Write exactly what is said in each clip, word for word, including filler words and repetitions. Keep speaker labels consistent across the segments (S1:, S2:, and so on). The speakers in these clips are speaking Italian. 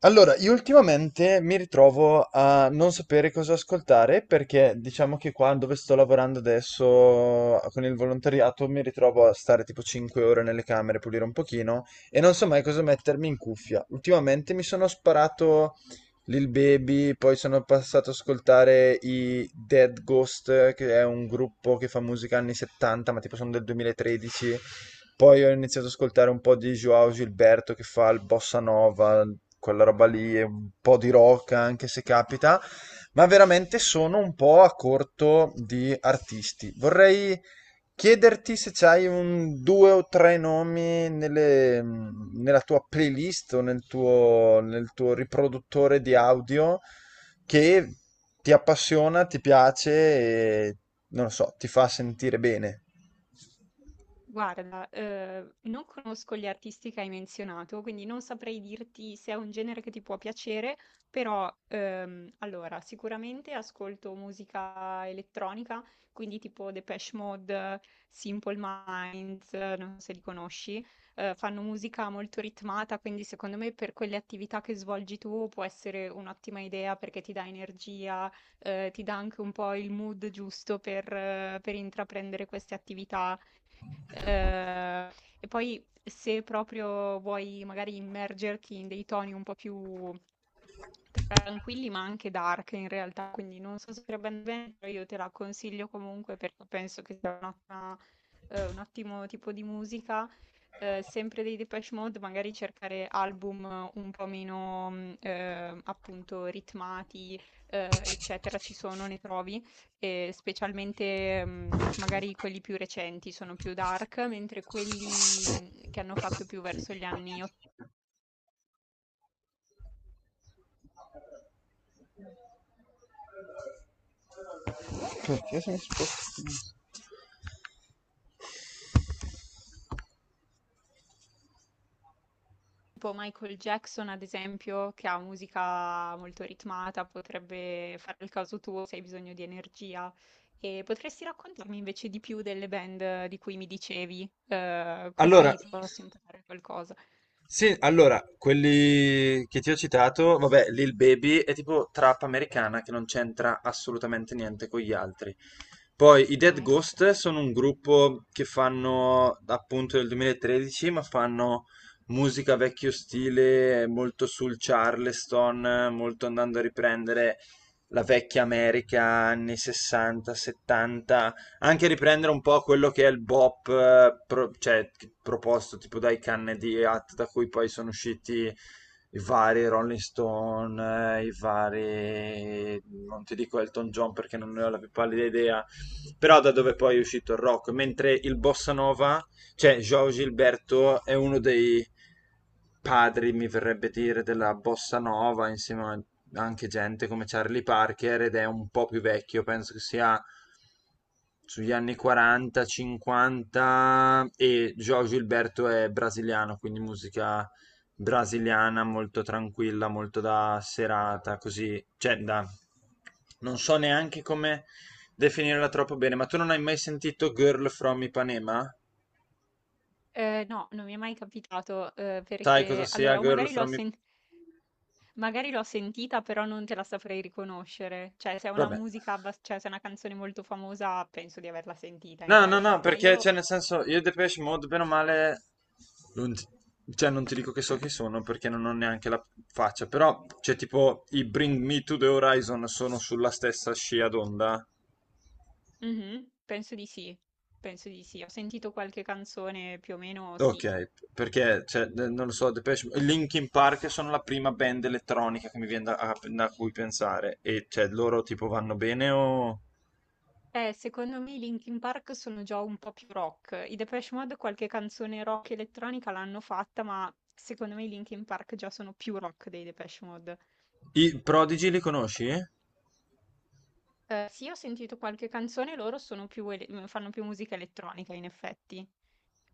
S1: Allora, io ultimamente mi ritrovo a non sapere cosa ascoltare perché diciamo che qua dove sto lavorando adesso con il volontariato mi ritrovo a stare tipo cinque ore nelle camere, pulire un pochino e non so mai cosa mettermi in cuffia. Ultimamente mi sono sparato Lil Baby, poi sono passato ad ascoltare i Dead Ghost, che è un gruppo che fa musica anni settanta, ma tipo sono del duemilatredici. Poi ho iniziato ad ascoltare un po' di João Gilberto che fa il bossa nova, quella roba lì, e un po' di rock anche se capita, ma veramente sono un po' a corto di artisti. Vorrei chiederti se c'hai un due o tre nomi nelle- nella tua playlist o nel tuo, nel tuo riproduttore di audio che ti appassiona, ti piace e non lo so, ti fa sentire bene.
S2: Guarda, ehm, non conosco gli artisti che hai menzionato, quindi non saprei dirti se è un genere che ti può piacere, però, ehm, allora, sicuramente ascolto musica elettronica, quindi tipo Depeche Mode, Simple Minds, eh, non so se li conosci, eh, fanno musica molto ritmata, quindi secondo me per quelle attività che svolgi tu può essere un'ottima idea perché ti dà energia, eh, ti dà anche un po' il mood giusto per, eh, per intraprendere queste attività. Ehm, e poi se proprio vuoi magari immergerti in dei toni un po' più tranquilli, ma anche dark in realtà, quindi non so se andrebbe bene, però io te la consiglio comunque perché penso che sia un'ottima- eh, un ottimo tipo di musica. Eh, sempre dei Depeche Mode, magari cercare album un po' meno, mh, eh, appunto, ritmati, eh, eccetera, ci sono, ne trovi e specialmente mh, magari quelli più recenti sono più dark, mentre quelli mh, che hanno fatto più verso gli anni ottanta,
S1: Perché se mi sposto?
S2: tipo Michael Jackson, ad esempio, che ha musica molto ritmata, potrebbe fare il caso tuo se hai bisogno di energia. E potresti raccontarmi invece di più delle band di cui mi dicevi, eh,
S1: Allora,
S2: così posso imparare qualcosa.
S1: sì, allora, quelli che ti ho citato, vabbè, Lil Baby è tipo trap americana che non c'entra assolutamente niente con gli altri. Poi i Dead
S2: Ah, ecco,
S1: Ghost
S2: ok.
S1: sono un gruppo che fanno appunto del duemilatredici, ma fanno musica vecchio stile, molto sul Charleston, molto andando a riprendere la vecchia America anni sessanta, settanta, anche riprendere un po' quello che è il bop, eh, pro- cioè, proposto tipo dai canne di Hat da cui poi sono usciti i vari Rolling Stone, eh, i vari, non ti dico Elton John perché non ne ho la più pallida idea, però da dove poi è uscito il rock, mentre il bossa nova, cioè João Gilberto è uno dei padri, mi verrebbe dire, della bossa nova, insieme a anche gente come Charlie Parker ed è un po' più vecchio, penso che sia sugli anni quaranta, cinquanta e João Gilberto è brasiliano, quindi musica brasiliana molto tranquilla, molto da serata, così, cioè da... non so neanche come definirla troppo bene, ma tu non hai mai sentito Girl from Ipanema?
S2: Eh, no, non mi è mai capitato, eh,
S1: Sai cosa
S2: perché
S1: sia
S2: allora, o
S1: Girl
S2: magari l'ho
S1: from Ipanema?
S2: sentito Magari l'ho sentita, però non te la saprei riconoscere. Cioè, se è una
S1: Vabbè.
S2: musica, abbas- cioè se è una canzone molto famosa, penso di averla sentita in
S1: No, no, no,
S2: realtà, ma
S1: perché,
S2: io...
S1: cioè, nel senso, io Depeche Mode, bene o male, non ti, cioè, non ti dico che so chi sono perché non ho neanche la faccia, però, cioè, tipo, i Bring Me to the Horizon sono sulla stessa scia d'onda.
S2: Mhm, penso di sì, penso di sì. Ho sentito qualche canzone più o meno, sì.
S1: Ok, perché, cioè, eh, non lo so, Depeche Mode- Linkin Park sono la prima band elettronica che mi viene da, a- da cui pensare, e, cioè, loro, tipo, vanno bene o...
S2: Eh, secondo me i Linkin Park sono già un po' più rock. I Depeche Mode qualche canzone rock elettronica l'hanno fatta, ma secondo me i Linkin Park già sono più rock dei Depeche Mode.
S1: I Prodigy li conosci?
S2: Eh, sì, ho sentito qualche canzone, loro sono più ele- fanno più musica elettronica, in effetti.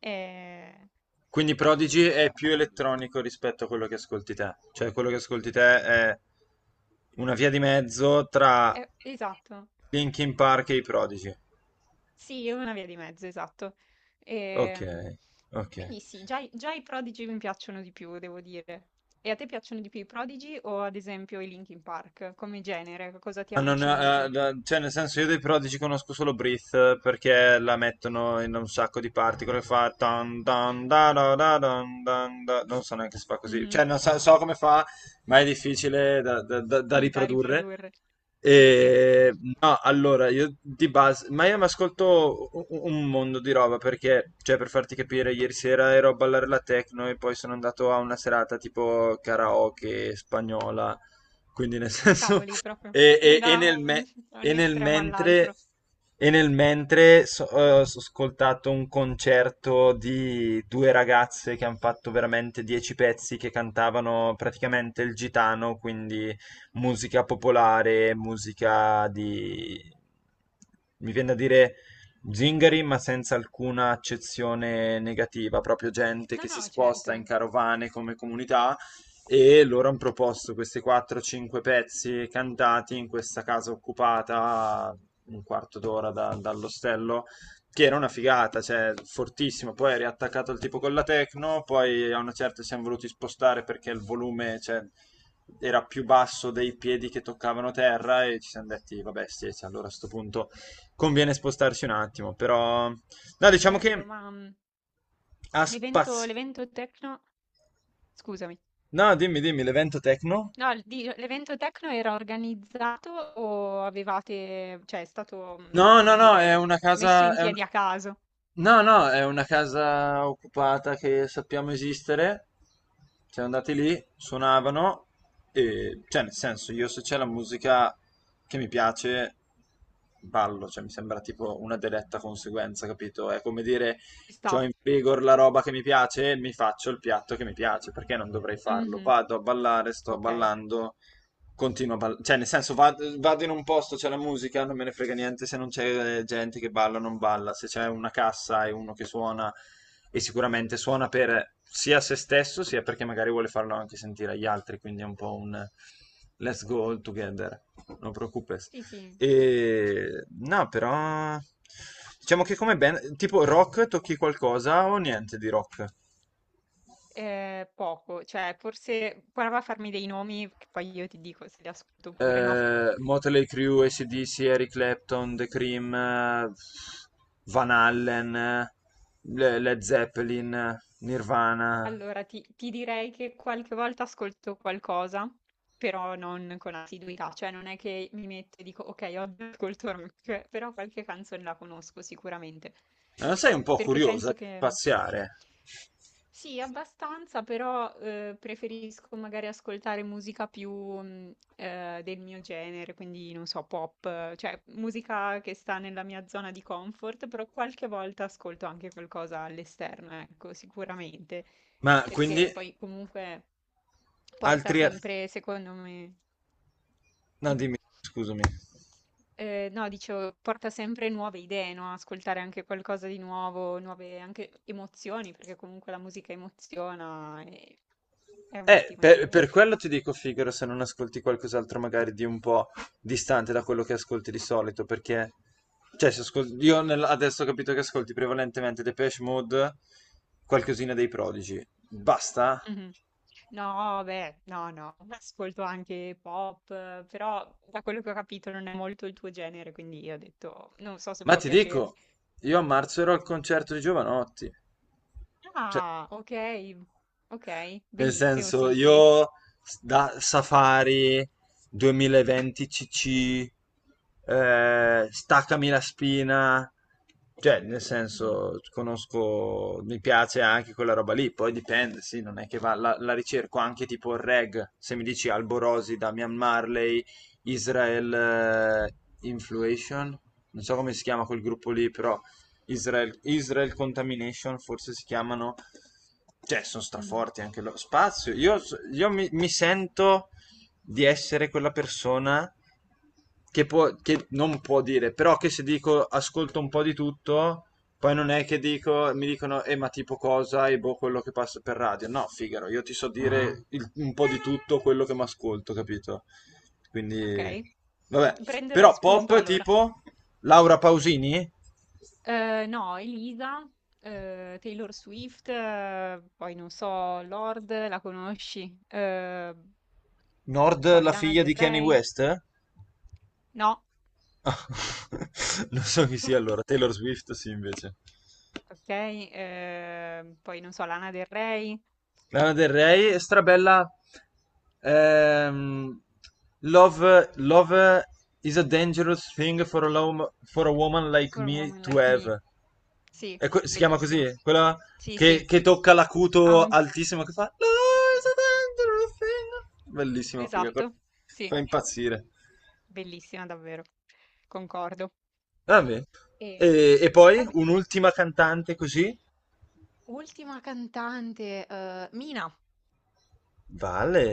S2: Ehm,
S1: Quindi Prodigy è più
S2: quindi
S1: elettronico rispetto a quello che ascolti te. Cioè, quello che ascolti te è una via di mezzo tra
S2: è esatto.
S1: Linkin Park e i Prodigy.
S2: Sì, è una via di mezzo, esatto.
S1: Ok,
S2: Ehm,
S1: ok.
S2: quindi sì, già, i già i Prodigy mi piacciono di più, devo dire. E a te piacciono di più i Prodigy o ad esempio i Linkin Park? Come genere, cosa ti
S1: Ma non-
S2: avvicini di più?
S1: eh, da- cioè, nel senso, io dei Prodigy conosco solo Breathe perché la mettono in un sacco di parti. Quello che fa tan, tan, da, da, da, dan, dan, da. Non so neanche se fa così.
S2: Mhm.
S1: Cioè, non so, so come fa, ma è difficile da, da- da- da
S2: Sì, da
S1: riprodurre.
S2: riprodurre. Sì, sì,
S1: E, no, allora, io di base, ma io mi ascolto un, un mondo di roba perché, cioè, per farti capire, ieri sera ero a ballare la techno e poi sono andato a una serata tipo karaoke spagnola. Quindi, nel senso.
S2: cavoli, proprio
S1: E, e- e
S2: da
S1: nel
S2: un,
S1: me-
S2: da un
S1: e nel
S2: estremo
S1: mentre,
S2: all'altro.
S1: e nel mentre so- eh, ho ascoltato un concerto di due ragazze che hanno fatto veramente dieci pezzi che cantavano praticamente il gitano, quindi musica popolare, musica di... mi viene da dire zingari, ma senza alcuna accezione negativa, proprio gente
S2: No,
S1: che si
S2: no, certo,
S1: sposta in carovane come comunità e loro hanno proposto questi quattro o cinque pezzi cantati in questa casa occupata un quarto d'ora da- dall'ostello, che era una figata, cioè fortissimo. Poi è riattaccato il tipo con la techno, poi a una certa ci siamo voluti spostare perché il volume, cioè, era più basso dei piedi che toccavano terra e ci siamo detti, vabbè, sì, sì, allora a sto punto conviene spostarci un attimo, però... No, diciamo
S2: bello,
S1: che
S2: ma mm,
S1: ha
S2: l'evento
S1: spazio...
S2: l'evento techno, scusami.
S1: No, dimmi, dimmi, l'evento techno?
S2: No, il di l'evento techno era organizzato o avevate, cioè è stato, mhmm,
S1: No,
S2: come
S1: no, no, è
S2: dire,
S1: una
S2: messo
S1: casa,
S2: in
S1: è un-
S2: piedi a caso?
S1: no, no, è una casa occupata che sappiamo esistere. Siamo andati lì, suonavano e, cioè, nel senso, io se c'è la musica che mi piace, ballo, cioè mi sembra tipo una diretta conseguenza, capito? È come dire,
S2: Ci
S1: c'ho
S2: sta.
S1: in vigor la roba che mi piace, mi faccio il piatto che mi piace, perché non dovrei farlo?
S2: Mh-mh.
S1: Vado a ballare, sto
S2: Okay.
S1: ballando, continua a ballare, cioè nel senso vado, vado in un posto, c'è la musica, non me ne frega niente se non c'è eh, gente che balla o non balla, se c'è una cassa e uno che suona e sicuramente suona per sia se stesso sia perché magari vuole farlo anche sentire agli altri, quindi è un po' un eh, let's go all together, non preoccupes.
S2: Sì, sì,
S1: E no, però diciamo che come band, tipo rock tocchi qualcosa o niente di rock?
S2: ehm, poco, cioè forse prova a farmi dei nomi che poi io ti dico se li ascolto oppure no.
S1: eh, Motley Crue, A C/D C, Eric Clapton, The Cream, eh, Van Allen, eh, Le- Led Zeppelin, eh, Nirvana.
S2: Allora, ti ti direi che qualche volta ascolto qualcosa, però non con assiduità, cioè non è che mi metto e dico: "Okay, oggi ascolto rock", cioè, però qualche canzone la conosco sicuramente.
S1: Ma Non sei un po'
S2: Perché
S1: curiosa
S2: penso
S1: di
S2: che
S1: spaziare?
S2: Sì, abbastanza, però, uhm, preferisco magari ascoltare musica più, mhmm, ehm, del mio genere, quindi non so, pop, eh, cioè musica che sta nella mia zona di comfort, però qualche volta ascolto anche qualcosa all'esterno, ecco, sicuramente
S1: Ma
S2: perché
S1: quindi
S2: poi comunque porta
S1: altri... ar-
S2: sempre, secondo me...
S1: No,
S2: Dimmi.
S1: dimmi, scusami.
S2: Eh, no, dicevo, porta sempre nuove idee, no? Ascoltare anche qualcosa di nuovo, nuove anche emozioni, perché comunque la musica emoziona e è
S1: Eh,
S2: un'ottima
S1: per,
S2: idea.
S1: per quello ti dico, Figaro, se non ascolti qualcos'altro magari di un po' distante da quello che ascolti di solito, perché, cioè, se ascol- io nel- adesso ho capito che ascolti prevalentemente Depeche Mode, qualcosina dei Prodigi. Basta?
S2: Mhm. No, beh, no, no, ascolto anche pop, eh, però da quello che ho capito non è molto il tuo genere, quindi io ho detto, non so se
S1: Ma
S2: può
S1: ti
S2: piacergli.
S1: dico, io a marzo ero al concerto di Giovanotti. Cioè,
S2: Ah, ok, ok,
S1: nel
S2: bellissimo,
S1: senso,
S2: sì, sì.
S1: io s- da Safari duemilaventi C C, eh, Staccami la spina, Cioè, nel
S2: Mhm,
S1: senso, conosco, mi piace anche quella roba lì, poi dipende, sì, non è che va, la, la ricerco anche tipo il reg, se mi dici Alborosi, Damian Marley, Israel eh, Influation, non so come si chiama quel gruppo lì, però Israel, Israel Contamination forse si chiamano, cioè, sono
S2: mhm.
S1: straforti anche lo spazio, io, io mi mi sento di essere quella persona che, può, che non può dire, però che se dico ascolto un po' di tutto, poi non è che dico, mi dicono, eh ma tipo cosa e boh quello che passa per radio. No, Figaro, io ti so dire il- un po' di tutto quello che mi ascolto, capito? Quindi,
S2: Okay,
S1: vabbè.
S2: prenderò
S1: Però
S2: spunto
S1: pop
S2: allora.
S1: tipo Laura Pausini,
S2: Ehm, no, Elisa, ehm, Taylor Swift, eh, poi non so, Lord, la conosci? Ehm,
S1: Nord
S2: poi
S1: la
S2: Lana
S1: figlia
S2: Del
S1: di Kanye
S2: Rey?
S1: West?
S2: No?
S1: Non so chi sia allora, Taylor Swift sì invece.
S2: Okay, ehm, poi non so, Lana Del Rey,
S1: Lana Del Rey, strabella. ehm, love, love is a dangerous thing for a, lo- for a woman like
S2: What a
S1: me
S2: Woman
S1: to
S2: Like
S1: have.
S2: Me. Sì,
S1: E que- si chiama così?
S2: bellissima.
S1: Quella
S2: Sì,
S1: che,
S2: sì,
S1: che tocca
S2: ha
S1: l'acuto
S2: un...
S1: altissimo che fa. Love is a dangerous thing. Bellissima figa, quella-
S2: esatto, sì,
S1: fa impazzire.
S2: bellissima davvero, concordo.
S1: Vabbè.
S2: E
S1: E, e
S2: va
S1: poi
S2: bene,
S1: un'ultima cantante così.
S2: ultima cantante, ehm, Mina.
S1: Vale.